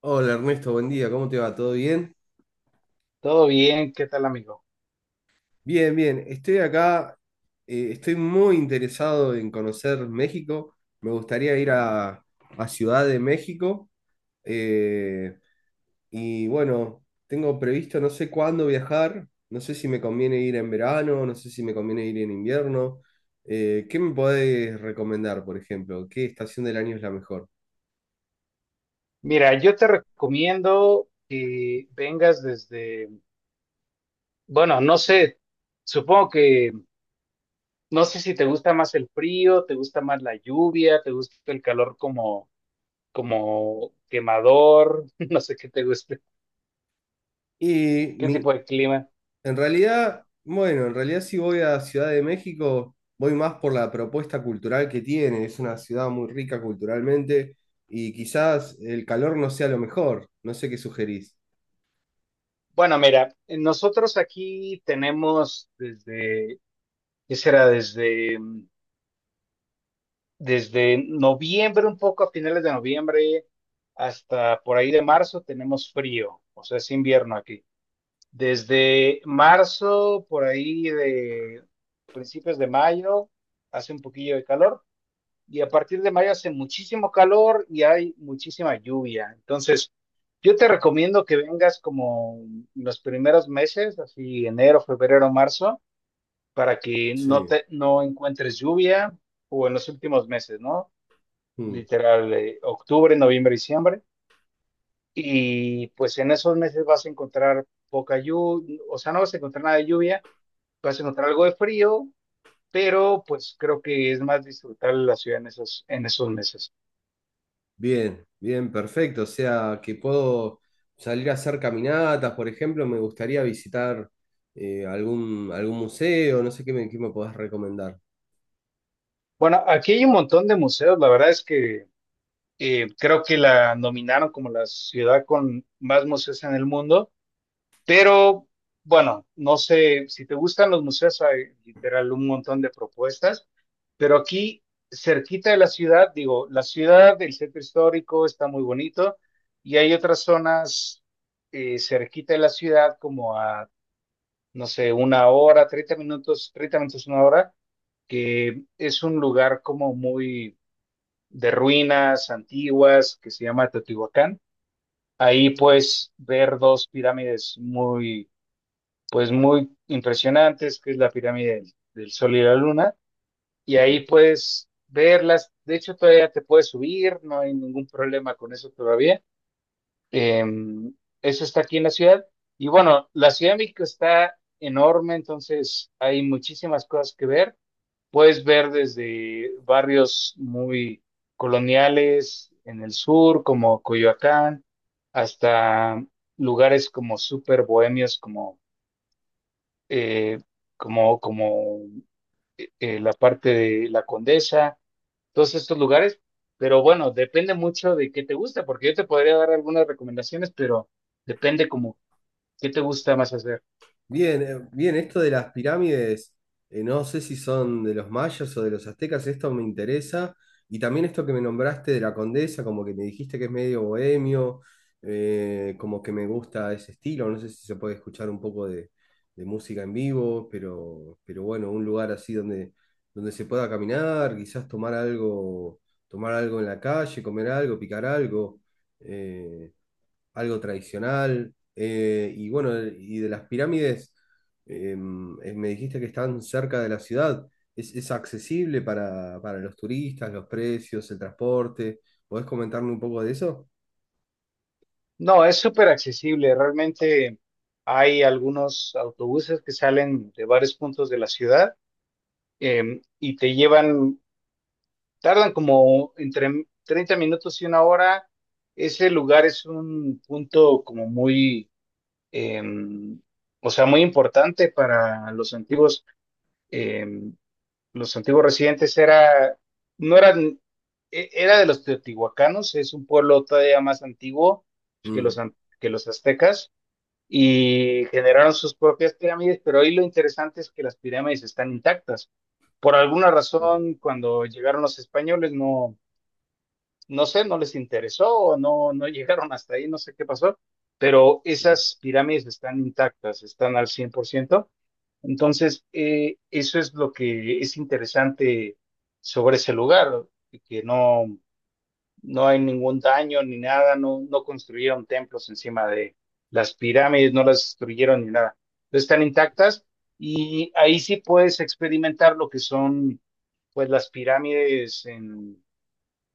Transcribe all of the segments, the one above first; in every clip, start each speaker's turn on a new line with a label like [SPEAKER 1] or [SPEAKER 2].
[SPEAKER 1] Hola Ernesto, buen día, ¿cómo te va? ¿Todo bien?
[SPEAKER 2] Todo bien, ¿qué tal, amigo?
[SPEAKER 1] Bien, bien, estoy acá, estoy muy interesado en conocer México, me gustaría ir a Ciudad de México eh, y bueno, tengo previsto no sé cuándo viajar, no sé si me conviene ir en verano, no sé si me conviene ir en invierno, ¿qué me podés recomendar, por ejemplo? ¿Qué estación del año es la mejor?
[SPEAKER 2] Mira, yo te recomiendo que vengas desde, bueno, no sé, supongo que, no sé si te gusta más el frío, te gusta más la lluvia, te gusta el calor como quemador, no sé qué te guste,
[SPEAKER 1] Y
[SPEAKER 2] qué
[SPEAKER 1] mi,
[SPEAKER 2] tipo de clima.
[SPEAKER 1] En realidad, bueno, en realidad si voy a Ciudad de México, voy más por la propuesta cultural que tiene. Es una ciudad muy rica culturalmente y quizás el calor no sea lo mejor. No sé qué sugerís.
[SPEAKER 2] Bueno, mira, nosotros aquí tenemos desde, ¿qué será? Desde noviembre, un poco a finales de noviembre hasta por ahí de marzo tenemos frío, o sea, es invierno aquí. Desde marzo, por ahí de principios de mayo, hace un poquillo de calor, y a partir de mayo hace muchísimo calor y hay muchísima lluvia. Entonces, yo te recomiendo que vengas como los primeros meses, así enero, febrero, marzo, para que no
[SPEAKER 1] Sí.
[SPEAKER 2] te no encuentres lluvia o en los últimos meses, ¿no?
[SPEAKER 1] Mm.
[SPEAKER 2] Literal, octubre, noviembre, diciembre. Y pues en esos meses vas a encontrar poca lluvia, o sea, no vas a encontrar nada de lluvia, vas a encontrar algo de frío, pero pues creo que es más disfrutable la ciudad en esos meses.
[SPEAKER 1] Bien, bien, perfecto. O sea, que puedo salir a hacer caminatas, por ejemplo, me gustaría visitar algún museo, no sé qué qué me podés recomendar.
[SPEAKER 2] Bueno, aquí hay un montón de museos, la verdad es que creo que la nominaron como la ciudad con más museos en el mundo. Pero bueno, no sé si te gustan los museos, hay literal un montón de propuestas, pero aquí cerquita de la ciudad, digo, la ciudad, el centro histórico está muy bonito, y hay otras zonas cerquita de la ciudad como a, no sé, una hora, 30 minutos, una hora, que es un lugar como muy de ruinas antiguas que se llama Teotihuacán. Ahí puedes ver dos pirámides muy impresionantes, que es la pirámide del Sol y la Luna, y ahí puedes verlas, de hecho todavía te puedes subir, no hay ningún problema con eso todavía. Eh, Eso está aquí en la ciudad, y bueno, la Ciudad de México está enorme, entonces hay muchísimas cosas que ver, puedes ver desde barrios muy coloniales en el sur, como Coyoacán, hasta lugares como súper bohemios, como eh, como, como la parte de La Condesa, todos estos lugares. Pero bueno, depende mucho de qué te gusta, porque yo te podría dar algunas recomendaciones, pero depende como qué te gusta más hacer.
[SPEAKER 1] Bien, bien, esto de las pirámides, no sé si son de los mayas o de los aztecas, esto me interesa. Y también esto que me nombraste de la Condesa, como que me dijiste que es medio bohemio, como que me gusta ese estilo, no sé si se puede escuchar un poco de música en vivo, pero bueno, un lugar así donde se pueda caminar, quizás tomar algo en la calle, comer algo, picar algo. eh, Algo tradicional. Y bueno, y de las pirámides, me dijiste que están cerca de la ciudad. Es accesible para los turistas, los precios, el transporte? ¿Podés comentarme un poco de eso?
[SPEAKER 2] No, es súper accesible. Realmente hay algunos autobuses que salen de varios puntos de la ciudad, y te llevan, tardan como entre 30 minutos y una hora. Ese lugar es un punto como muy, em, o sea, muy importante para los antiguos, em, los antiguos residentes era, no eran, era de los teotihuacanos, es un pueblo todavía más antiguo
[SPEAKER 1] Mm.
[SPEAKER 2] que los aztecas, y generaron sus propias pirámides, pero hoy lo interesante es que las pirámides están intactas. Por alguna
[SPEAKER 1] Sí.
[SPEAKER 2] razón, cuando llegaron los españoles, no, no sé, no les interesó, o no, no llegaron hasta ahí, no sé qué pasó, pero esas pirámides están intactas, están al 100%. Entonces, eso es lo que es interesante sobre ese lugar, que no, no hay ningún daño ni nada, no, no construyeron templos encima de las pirámides, no las destruyeron ni nada. Están intactas, y ahí sí puedes experimentar lo que son pues las pirámides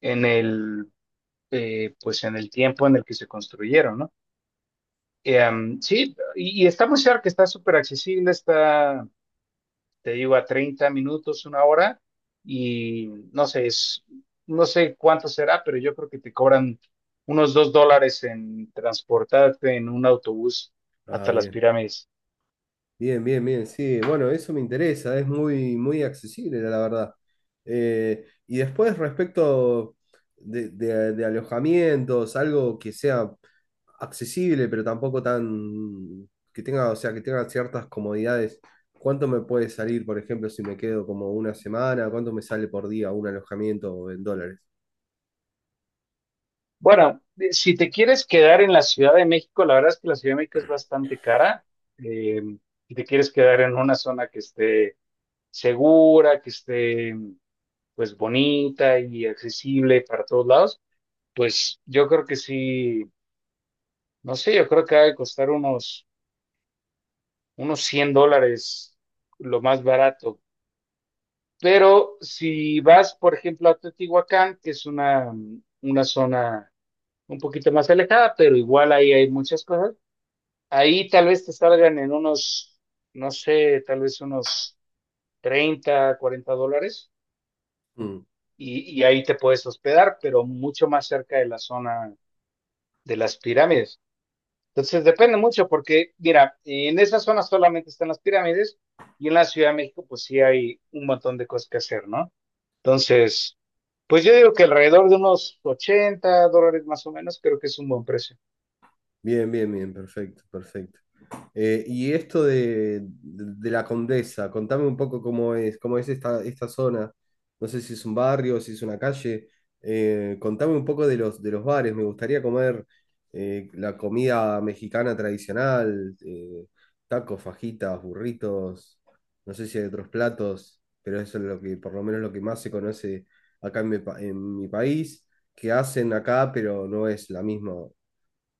[SPEAKER 2] en el en el tiempo en el que se construyeron, ¿no? Sí, y está muy cerca, está súper accesible, está, te digo, a 30 minutos, una hora, y no sé, es, no sé cuánto será, pero yo creo que te cobran unos $2 en transportarte en un autobús
[SPEAKER 1] Ah,
[SPEAKER 2] hasta las
[SPEAKER 1] bien.
[SPEAKER 2] pirámides.
[SPEAKER 1] Bien, bien, bien, sí, bueno, eso me interesa, es muy, muy accesible, la verdad. Y después respecto de alojamientos, algo que sea accesible, pero tampoco tan, que tenga, o sea, que tenga ciertas comodidades. ¿Cuánto me puede salir, por ejemplo, si me quedo como una semana? ¿Cuánto me sale por día un alojamiento en dólares?
[SPEAKER 2] Bueno, si te quieres quedar en la Ciudad de México, la verdad es que la Ciudad de México es bastante cara. eh, si te quieres quedar en una zona que esté segura, que esté pues bonita y accesible para todos lados, pues yo creo que sí, no sé, yo creo que ha de costar unos, $100 lo más barato. Pero si vas, por ejemplo, a Teotihuacán, que es una zona un poquito más alejada, pero igual ahí hay muchas cosas, ahí tal vez te salgan en unos, no sé, tal vez unos 30 40 dólares.
[SPEAKER 1] Mm.
[SPEAKER 2] Y ahí te puedes hospedar, pero mucho más cerca de la zona de las pirámides. Entonces depende mucho porque, mira, en esa zona solamente están las pirámides, y en la Ciudad de México pues sí hay un montón de cosas que hacer, ¿no? Entonces, pues yo digo que alrededor de unos $80 más o menos creo que es un buen precio.
[SPEAKER 1] Bien, bien, bien, perfecto, perfecto. Y esto de la Condesa, contame un poco cómo es esta, esta zona. No sé si es un barrio, si es una calle. Contame un poco de los bares. Me gustaría comer la comida mexicana tradicional, tacos, fajitas, burritos. No sé si hay otros platos, pero eso es lo que, por lo menos lo que más se conoce acá en en mi país, que hacen acá, pero no es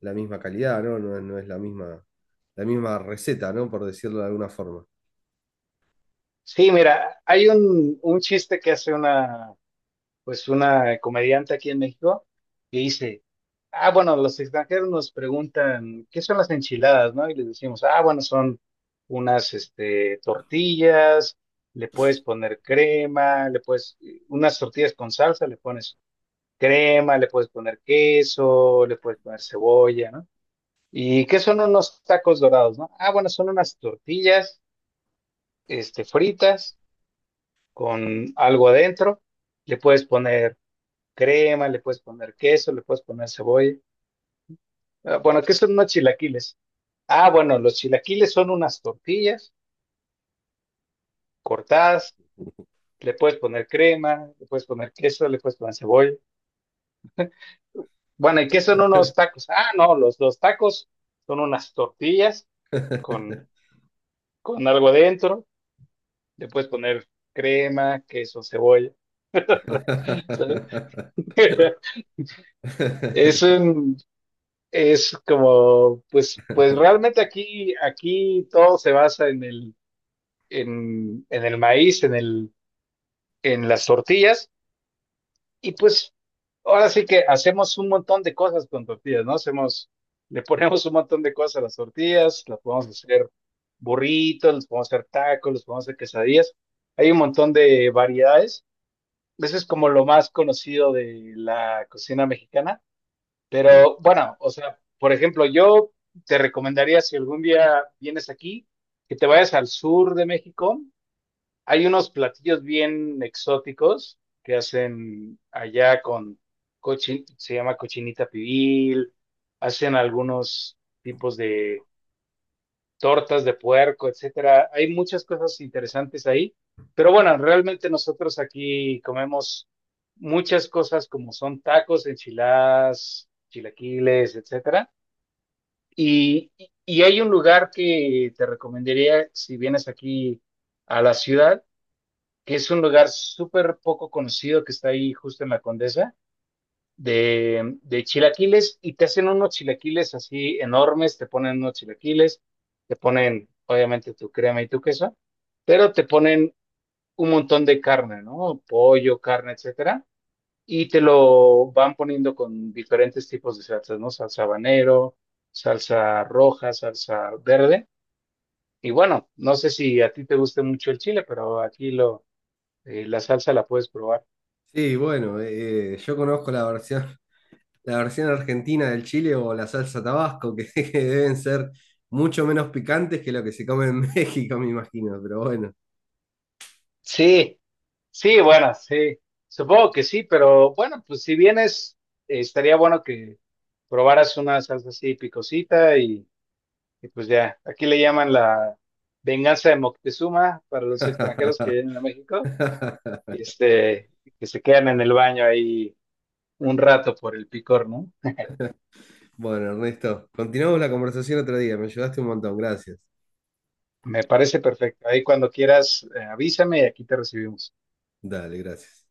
[SPEAKER 1] la misma calidad, ¿no? No, no es la misma receta, ¿no? Por decirlo de alguna forma.
[SPEAKER 2] Sí, mira, hay un chiste que hace una, pues una comediante aquí en México que dice, ah, bueno, los extranjeros nos preguntan, ¿qué son las enchiladas, no? Y les decimos, ah, bueno, son unas, este, tortillas, le puedes poner crema, unas tortillas con salsa, le pones crema, le puedes poner queso, le puedes poner cebolla, ¿no? ¿Y qué son unos tacos dorados, no? Ah, bueno, son unas tortillas, este, fritas con algo adentro, le puedes poner crema, le puedes poner queso, le puedes poner cebolla. Ah, bueno, ¿qué son unos chilaquiles? Ah, bueno, los chilaquiles son unas tortillas cortadas, le puedes poner crema, le puedes poner queso, le puedes poner cebolla. Bueno, ¿y qué son unos tacos? Ah, no, los tacos son unas tortillas con, con algo adentro, le puedes poner crema, queso, cebolla, ¿sabes? Es un, es como, realmente aquí todo se basa en el maíz, en las tortillas, y pues ahora sí que hacemos un montón de cosas con tortillas, ¿no? Le ponemos un montón de cosas a las tortillas, las podemos hacer burritos, los podemos hacer tacos, los podemos hacer quesadillas. Hay un montón de variedades. Eso es como lo más conocido de la cocina mexicana. Pero bueno, o sea, por ejemplo, yo te recomendaría si algún día vienes aquí, que te vayas al sur de México. Hay unos platillos bien exóticos que hacen allá con se llama cochinita pibil, hacen algunos tipos de tortas de puerco, etcétera. Hay muchas cosas interesantes ahí, pero bueno, realmente nosotros aquí comemos muchas cosas como son tacos, enchiladas, chilaquiles, etcétera. Y, y hay un lugar que te recomendaría si vienes aquí a la ciudad, que es un lugar súper poco conocido que está ahí justo en la Condesa, de chilaquiles, y te hacen unos chilaquiles así enormes, te ponen unos chilaquiles, te ponen obviamente tu crema y tu queso, pero te ponen un montón de carne, ¿no? Pollo, carne, etcétera, y te lo van poniendo con diferentes tipos de salsas, ¿no? Salsa habanero, salsa roja, salsa verde. Y bueno, no sé si a ti te guste mucho el chile, pero aquí la salsa la puedes probar.
[SPEAKER 1] Sí, bueno, yo conozco la versión argentina del chile o la salsa Tabasco, que, que deben ser mucho menos picantes que lo que se come en México, me imagino, pero bueno.
[SPEAKER 2] Sí, sí, bueno, sí, supongo que sí, pero bueno, pues si vienes, estaría bueno que probaras una salsa así picosita, y pues ya, aquí le llaman la venganza de Moctezuma para los extranjeros que vienen a México, este, que se quedan en el baño ahí un rato por el picor, ¿no?
[SPEAKER 1] Bueno, Ernesto, continuamos la conversación otro día, me ayudaste un montón, gracias.
[SPEAKER 2] Me parece perfecto. Ahí cuando quieras, avísame y aquí te recibimos.
[SPEAKER 1] Dale, gracias.